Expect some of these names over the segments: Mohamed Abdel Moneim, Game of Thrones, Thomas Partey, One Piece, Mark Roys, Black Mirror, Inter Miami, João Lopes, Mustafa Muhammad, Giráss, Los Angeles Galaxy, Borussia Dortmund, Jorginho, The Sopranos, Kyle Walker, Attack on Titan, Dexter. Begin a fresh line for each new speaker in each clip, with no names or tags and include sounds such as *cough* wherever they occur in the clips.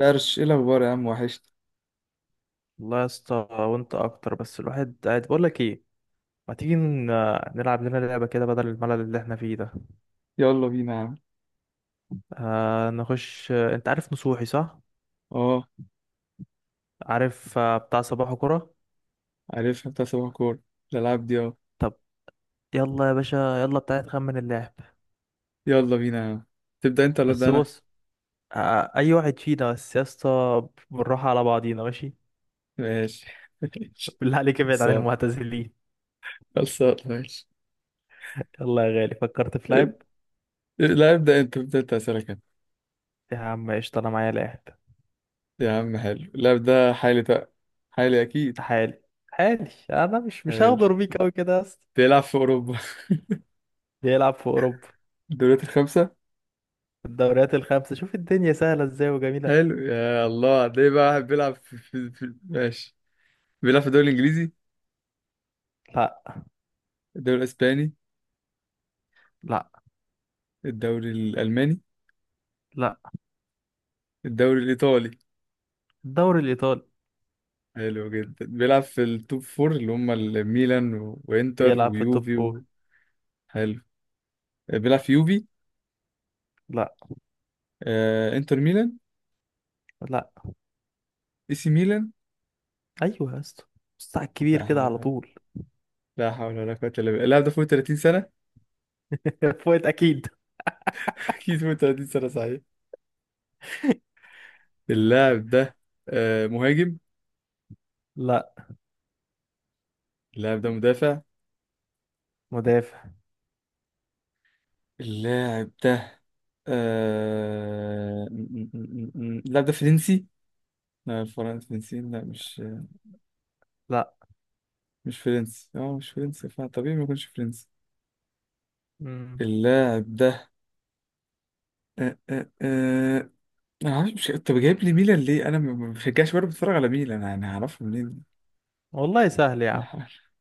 درش ايه الاخبار يا عم؟ وحشت.
والله يا اسطى وانت اكتر. بس الواحد قاعد بقول لك ايه؟ ما تيجي نلعب لنا لعبه كده بدل الملل اللي احنا فيه ده؟
يلا بينا يا عم.
آه، نخش. انت عارف نصوحي، صح؟
اه،
عارف، بتاع صباح كرة.
عارفها بتاع صباح كور. الالعاب دي، اه.
طب، يلا يا باشا. يلا بتاعي، تخمن اللاعب.
يلا بينا يا عم. تبدا انت ولا ابدا
بس
انا؟
بص، اي واحد فينا، بس يا اسطى بالراحه على بعضينا، ماشي؟
ماشي *laughs* ماشي.
بالله عليك ابعد عن
خلصان.
المعتزلين.
خلصان ماشي.
يلا يا غالي، فكرت في لاعب.
إب- لا، ابدا انت، ابدا انت، اسالك أنا.
يا عم قشطه، انا معايا لاعب.
يا عم حلو، اللاعب ده حالي بقى. حالي اكيد.
تعالي، تعالي. انا مش
حلو.
هغدر بيك قوي كده يا اسطى.
بيلعب في اوروبا.
بيلعب في اوروبا،
*laughs* الدوريات الخمسه.
الدوريات الخمسة. شوف الدنيا سهلة ازاي وجميلة.
حلو، يا الله. ده بقى واحد بيلعب في ماشي. بيلعب في الدوري الانجليزي؟
لا
الدوري الاسباني؟
لا
الدوري الالماني؟
لا،
الدوري الايطالي؟
الدوري الإيطالي.
حلو جدا. بيلعب في التوب فور اللي هم الميلان وانتر
بيلعب في التوب
ويوفي
فور.
و... حلو. بيلعب في يوفي؟
لا
انتر ميلان؟
لا،
اي سي ميلان.
أيوه يا اسطى. بص على الكبير
لا
كده على
حول.
طول.
لا حول ولا قوة الا بالله. اللاعب ده فوق 30 سنة؟
*laughs* فوت أكيد.
*laughs* اكيد فوق 30 سنة صحيح. اللاعب ده مهاجم؟
لا،
اللاعب ده مدافع؟
مدافع.
اللاعب ده اللاعب ده فرنسي؟ لا، الفرنسي فرنسيين، لا مش.
لا.
مش فرنسي، اه مش فرنسي، فطبيعي ما يكونش فرنسي.
مم.
اللاعب ده آه، آه، آه، انا عارف مش. طب جايب لي ميلان ليه؟ انا ما بشجعش، برضه بتفرج على ميلان، انا هعرفه منين؟
والله سهل يا عم.
*laughs*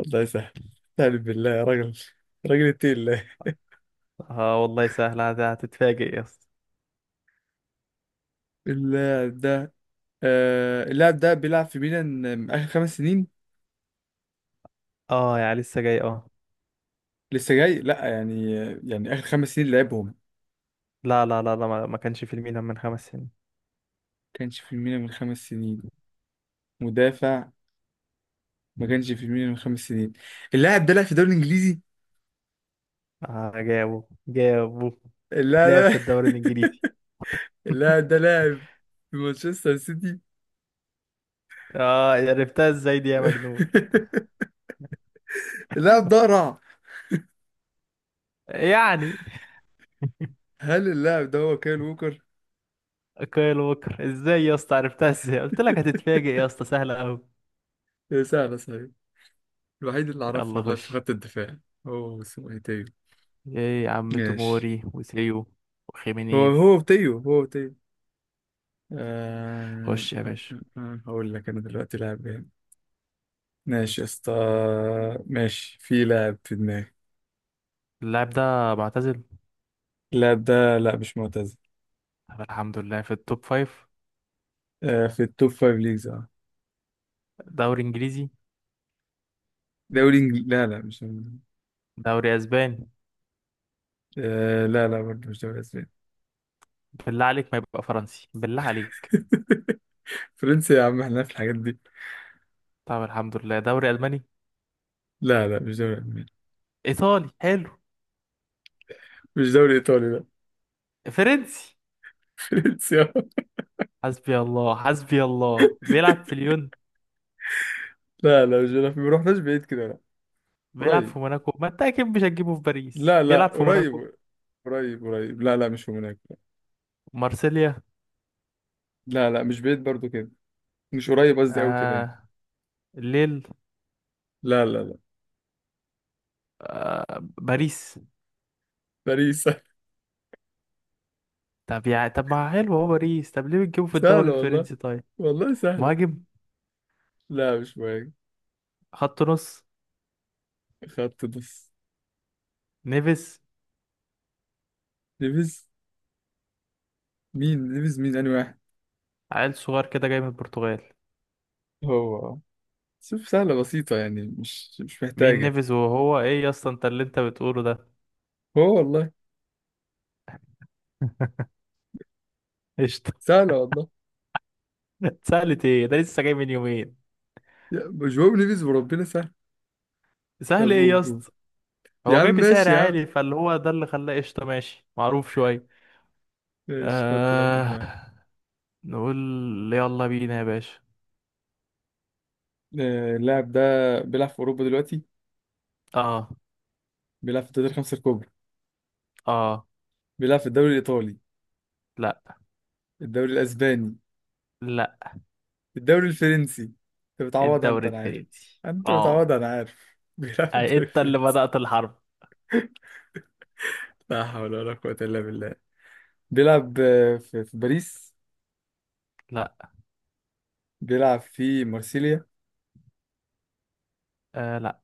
الله يسهل. تعالى بالله يا راجل. راجل، اتقي الله.
اه والله سهل، هتتفاجئ يا اسطى.
اللاعب ده اللاعب ده بيلعب في ميلان اخر خمس سنين.
اه، يا لسه جاي، اه.
لسه جاي، لا يعني، يعني اخر خمس سنين لعبهم.
لا لا لا لا، ما كانش في الميلان من 5 سنين.
كانش في ميلان من خمس سنين؟ مدافع. ما كانش في ميلان من خمس سنين. اللاعب ده لعب في الدوري الانجليزي.
اه، جابه جابه.
اللاعب
لعب في
ده
الدوري
*laughs*
الإنجليزي.
اللاعب ده لاعب في مانشستر سيتي.
اه، عرفتها ازاي دي يا مجنون؟
*laughs* اللاعب ده رع.
يعني
هل اللاعب ده هو كايل ووكر؟
كايل ووكر؟ ازاي يا اسطى عرفتها؟ ازاي قلت لك هتتفاجئ يا اسطى، سهله قوي.
سهلة صحيح. الوحيد اللي أعرفه
يلا
والله في
خش.
خط الدفاع. هو اسمه إيه، تيو؟
ايه يا عم؟
ماشي.
توموري وسيو
هو هو
وخيمينيز.
تيو، هو تيو. آه...
خش يا
آه،
باشا.
هقول لك أنا دلوقتي لاعب جامد. ماشي يا اسطى. ماشي، في لاعب في دماغي.
اللاعب ده معتزل.
اللاعب ده لا، مش معتزل.
طب الحمد لله، في التوب فايف.
آه، في التوب فايف ليجز، اه.
دوري انجليزي.
دوري إنجليزي، لا لا مش.
دوري اسباني.
آه لا، لا برضه مش دوري أسباني.
بالله عليك ما يبقى فرنسي، بالله عليك.
*laughs* فرنسي؟ يا عم احنا في الحاجات دي.
طب الحمد لله، دوري الماني.
لا لا، مش دوري ألماني.
ايطالي، حلو.
مش دوري إيطالي، لا.
فرنسي.
*laughs* فرنسي آه.
حسبي الله، حسبي الله. بيلعب في ليون.
لا لا مش، لا ما رحناش بعيد كده، لا.
بيلعب
قريب.
في موناكو. ما انت اكيد مش هتجيبه في باريس،
لا لا،
بيلعب في موناكو.
قريب. قريب قريب، لا لا مش هناك.
مارسيليا.
لا لا، مش بعيد برضو كده. مش قريب قصدي قوي كده يعني.
آه، الليل.
لا لا لا.
باريس.
باريس *laughs*
طب يعني، طب ما حلو هو باريس، طب ليه بتجيبه في الدوري
سهلة والله.
الفرنسي طيب؟
والله سهلة.
مهاجم.
لا، مش مهم.
خط نص.
خط نص.
نيفيز.
ليفيز؟ مين ليفيز؟ مين أنهي واحد؟
عيل صغير كده جاي من البرتغال.
هو؟ شوف، سهلة بسيطة، يعني مش
مين
محتاجة.
نيفيز؟ وهو ايه يا اسطى انت اللي انت بتقوله ده؟
هو والله.
قشطة.
سهلة والله.
*laughs* سهلة ايه؟ ده لسه جاي من يومين.
جواو ليفيز، وربنا سهل. طب
سهل ايه يا
قول، قول.
اسطى؟
يا
هو
عم
جاي بسعر
ماشي يا عم.
عالي، فاللي هو ده اللي خلاه قشطة ماشي، معروف شوية.
ماشي، حط لاعب في
آه...
دماغك.
نقول. يلا بينا يا باشا.
اللاعب ده بيلعب في أوروبا دلوقتي.
اه.
بيلعب في الدوري الخمسة الكبرى.
اه.
بيلعب في الدوري الإيطالي؟
لا
الدوري الأسباني؟
لا،
الدوري الفرنسي. أنت بتعوضها، أنت،
الدوري
أنا عارف.
الفرنسي
أنت
اه.
بتعوضها، أنا عارف. *laughs* بيلعب في
أي،
الدوري
انت اللي
الفرنسي.
بدأت الحرب.
لا حول ولا قوة إلا بالله. بيلعب في باريس؟
لا.
بيلعب في مارسيليا؟
آه، لا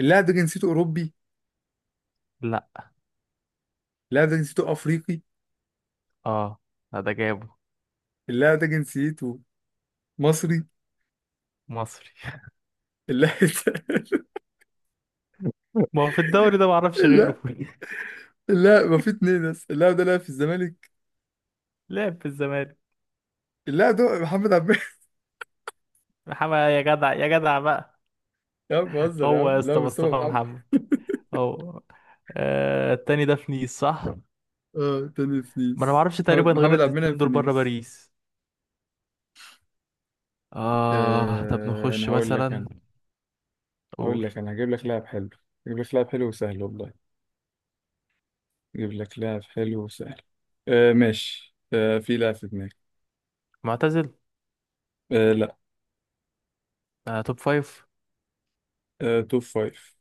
اللاعب ده جنسيته أوروبي؟
لا.
اللاعب ده جنسيته أفريقي؟
اه. لا، ده جابه.
اللاعب ده جنسيته مصري.
مصري.
اللاعب ده
*laughs* ما هو في الدوري ده معرفش
*laughs*
غيره.
لا
*laughs*
لا، ما في اتنين، بس اللاعب ده لعب في الزمالك.
لعب في الزمالك.
اللاعب ده محمد عبد.
محمد؟ يا جدع، يا جدع بقى.
*laughs* يا عم بهزر يا
هو يا
عم، لا
اسطى
مصطفى
مصطفى
محمد.
محمد. هو. آه، التاني ده في نيس، صح؟
اه، تاني في
ما انا
نيس،
معرفش
محمد،
تقريبا غير
محمد عبد المنعم
الاتنين
في
دول بره
نيس.
باريس. اه، طب
آه انا
نخش
هقول لك،
مثلا.
انا هقول
قول.
لك، انا هجيب لك لاعب حلو. هجيب لك لاعب حلو وسهل والله. هجيب لك لاعب حلو وسهل. آه ماشي، آه في لاعب في دماغي.
معتزل.
آه لا.
توب فايف.
آه توب فايف.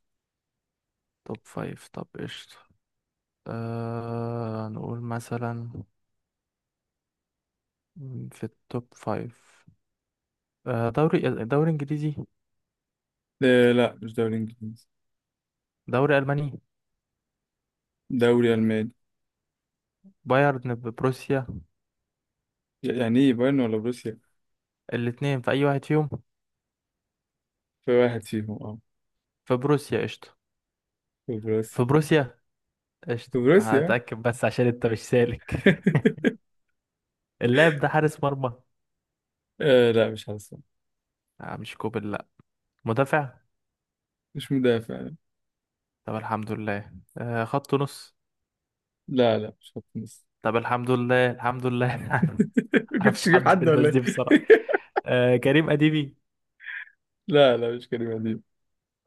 توب فايف، طب قشطة. نقول مثلا، في التوب فايف. آه، دوري دوري انجليزي.
آه لا، مش دوري انجليزي.
دوري الماني.
دوري الماني.
بايرن ببروسيا.
يعني ايه بايرن ولا بروسيا؟
الاتنين، في اي واحد فيهم.
في واحد فيهم، اه.
في بروسيا، قشطه.
في بروسيا.
في بروسيا.
في
قشطه،
بروسيا.
هتاكد بس عشان انت مش سالك. *laughs*
*laughs*
اللاعب ده حارس مرمى؟
آه لا، مش حاسس.
آه مش كوبل، لا. مدافع.
مش مدافع.
طب الحمد لله. خط نص.
لا لا، مش خط نص.
طب الحمد لله، الحمد لله. *laughs*
*laughs* كنتش
معرفش
تجيب
حد في
حد
الناس
ولا
دي
ايه؟
بصراحه. كريم اديبي.
*laughs* لا لا، مش كريم أديب.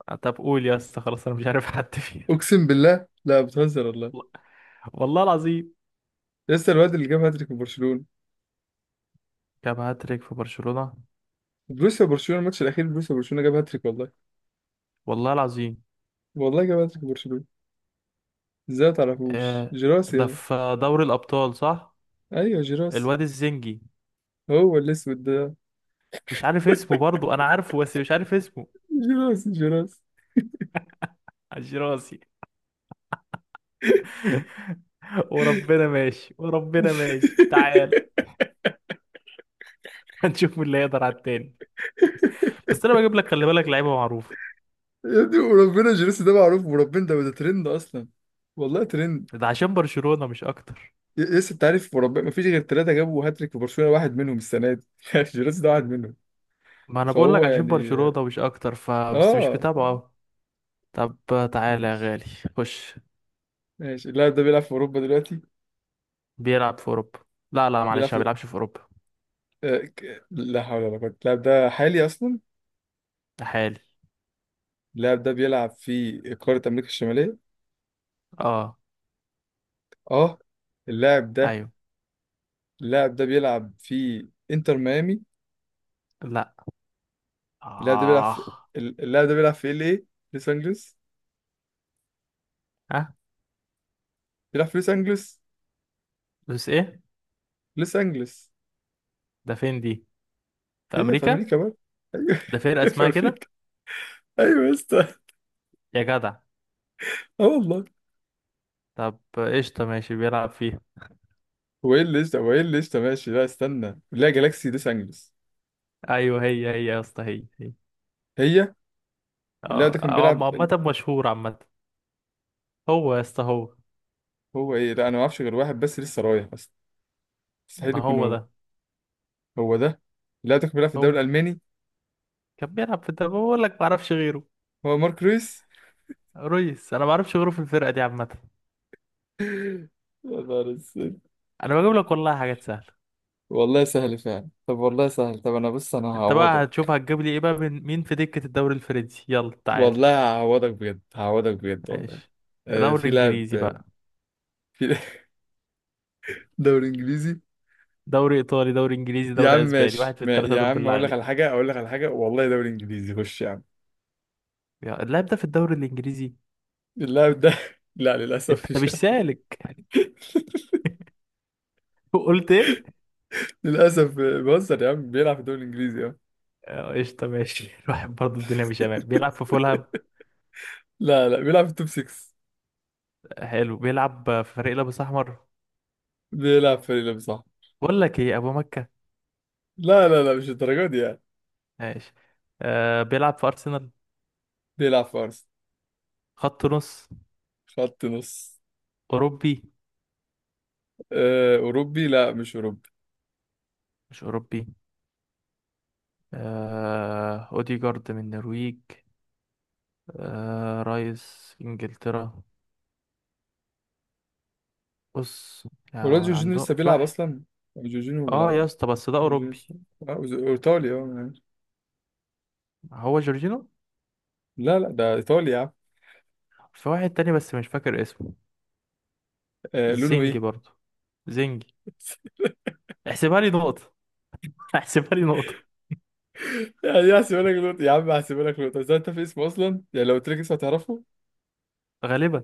طب قول يا اسطى، خلاص انا مش عارف حد فيه.
اقسم بالله لا، بتهزر والله.
*laughs* والله العظيم.
لسه الواد اللي جاب هاتريك في برشلونه.
كام هاتريك في برشلونه؟
بروسيا برشلونه، الماتش الاخير بروسيا برشلونه، جاب هاتريك والله.
والله العظيم.
والله جاب هاتريك في برشلونه. ازاي ما تعرفوش
آه،
جيراس؟
ده في دوري الأبطال، صح؟
ايوه جيراس.
الواد الزنجي.
هو الاسود ده.
مش عارف اسمه، برضو أنا عارفه بس مش عارف اسمه.
جيراس، جيراس.
عش راسي. *laughs* وربنا ماشي، وربنا ماشي، تعال.
*laughs*
*laughs* هنشوف مين اللي هيقدر على التاني. بس أنا بجيب لك، خلي بالك لعيبة معروفة.
يا ابني، وربنا جيراس ده معروف، وربنا ده ترند اصلا. والله ترند.
ده عشان برشلونة، مش أكتر.
لسه انت عارف، وربنا ما فيش غير ثلاثه جابوا هاتريك في برشلونه، واحد منهم السنه دي. *laughs* جيراس ده واحد منهم.
ما أنا بقول لك
فهو
عشان
يعني،
برشلونة مش أكتر فبس، مش
اه ف...
بتابعه أوي. طب، تعالى يا
ماشي.
غالي. خش.
ماشي، اللاعب ده بيلعب في اوروبا دلوقتي.
بيلعب في أوروبا. لا لا،
بيلعب
معلش ما
في
بيلعبش في أوروبا.
لا حول ولا قوة. اللاعب ده حالي أصلا.
ده حالي.
اللاعب ده بيلعب في قارة أمريكا الشمالية.
اه.
اه. اللاعب ده.
أيوه.
اللاعب ده بيلعب في إنتر ميامي.
لا.
اللاعب ده بيلعب
آه.
في اللاعب ده بيلعب في ال ايه، لوس أنجلوس.
ها.
بيلعب في لوس أنجلوس.
بس إيه؟
لوس أنجلوس
ده فين دي؟ في
هي في
امريكا.
أمريكا بقى. أيوه
ده فرقه
*laughs* هي في
اسمها كده،
أمريكا. أيوه يا اسطى،
يا جدع.
اه والله.
طب قشطه ماشي، بيلعب فيها.
هو ايه اللي قشطة؟ هو ايه اللي قشطة ماشي؟ لا استنى، لا، جالاكسي لوس أنجلوس.
ايوه، هي هي يا اسطى، هي هي.
هي. اللاعب ده كان
اه، هو
بيلعب
عامه مشهور، عامه. هو يا اسطى، هو.
هو ايه؟ لا أنا ما أعرفش غير واحد بس لسه رايح، بس مستحيل
ما
يكون
هو
هو.
ده.
هو ده. لا تكمل. بيلعب في الدوري
هو
الألماني.
كان بيلعب في الدوري، بقول لك ما اعرفش غيره.
هو مارك رويس.
ريس. انا ما اعرفش غيره في الفرقه دي عامه.
*laughs* يا نهار اسود.
انا بجيب لك والله حاجات سهله.
والله سهل فعلا. طب والله سهل. طب انا بص، انا
انت بقى
هعوضك.
هتشوف هتجيب لي ايه بقى من مين في دكه الدوري الفرنسي؟ يلا تعالى.
والله. هعوضك بجد، هعوضك بجد والله.
ماشي،
آه،
دوري
في لاعب.
انجليزي بقى.
في *laughs* لاعب. دوري انجليزي.
دوري ايطالي، دوري انجليزي،
يا عم
دوري اسباني، واحد
ماشي،
في
ما
الثلاثه
يا
دول
عم
بالله
اقول لك على
عليك.
حاجه، اقول لك على حاجه والله. دوري انجليزي. خش يا عم.
اللاعب ده في الدوري الانجليزي.
اللاعب ده *laughs* لا، للاسف
انت
مش.
مش
*laughs*
سالك، قلت ايه؟
للاسف، بهزر يا عم. بيلعب في الدوري الانجليزي، اه.
اه، قشطه ماشي. *laughs* الواحد برضه الدنيا مش امان. بيلعب في فولهام.
لا لا، بيلعب في التوب 6.
حلو، بيلعب في فريق لابس احمر.
بيلعب في فريق صح.
بقول لك ايه، ابو مكه؟
لا لا لا، مش الدرجه دي يعني.
ماشي. آه، بيلعب في ارسنال.
بيلعب في ارسنال.
خط نص.
خط نص.
اوروبي؟
أوروبي، لا، مش أوروبي.
مش اوروبي. آه، اوديجارد من النرويج. آه، رايس انجلترا. بص،
ولاد
يعني
جورجينيو
عنده
لسه
في
بيلعب
واحد.
أصلا. جورجينيو
اه يا
بيلعب.
اسطى، بس ده
جورجينيو
اوروبي.
لسه- إيطالي أه.
هو جورجينو.
لا لا، ده إيطالي يا عم.
في واحد تاني بس مش فاكر اسمه.
لونه
زنجي
إيه؟
برضه. زنجي.
*laughs*
احسبها لي نقطة، هحسبها لي نقطة.
يعني هحسبها لك نقطة. يا عم هحسبها لك نقطة، بس أنت في اسمه أصلا، يعني لو قلت لك اسمه هتعرفه.
غالبا.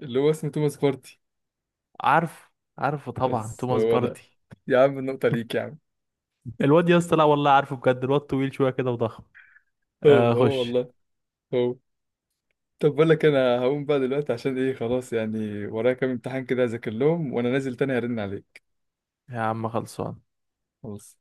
اللي هو اسمه توماس بارتي.
عارف. عارفه طبعا،
بس
توماس
هو ده.
باردي.
يا عم النقطة ليك يا عم.
الواد يا اسطى، لا والله عارفه بجد. الواد طويل شوية كده وضخم.
هو.
آه،
هو
خش.
والله. هو. طب بقول لك، أنا هقوم بقى دلوقتي عشان إيه؟ خلاص يعني، ورايا كام امتحان كده أذاكر لهم، وأنا نازل تاني هرن عليك.
يا عم، خلصان.
خلاص.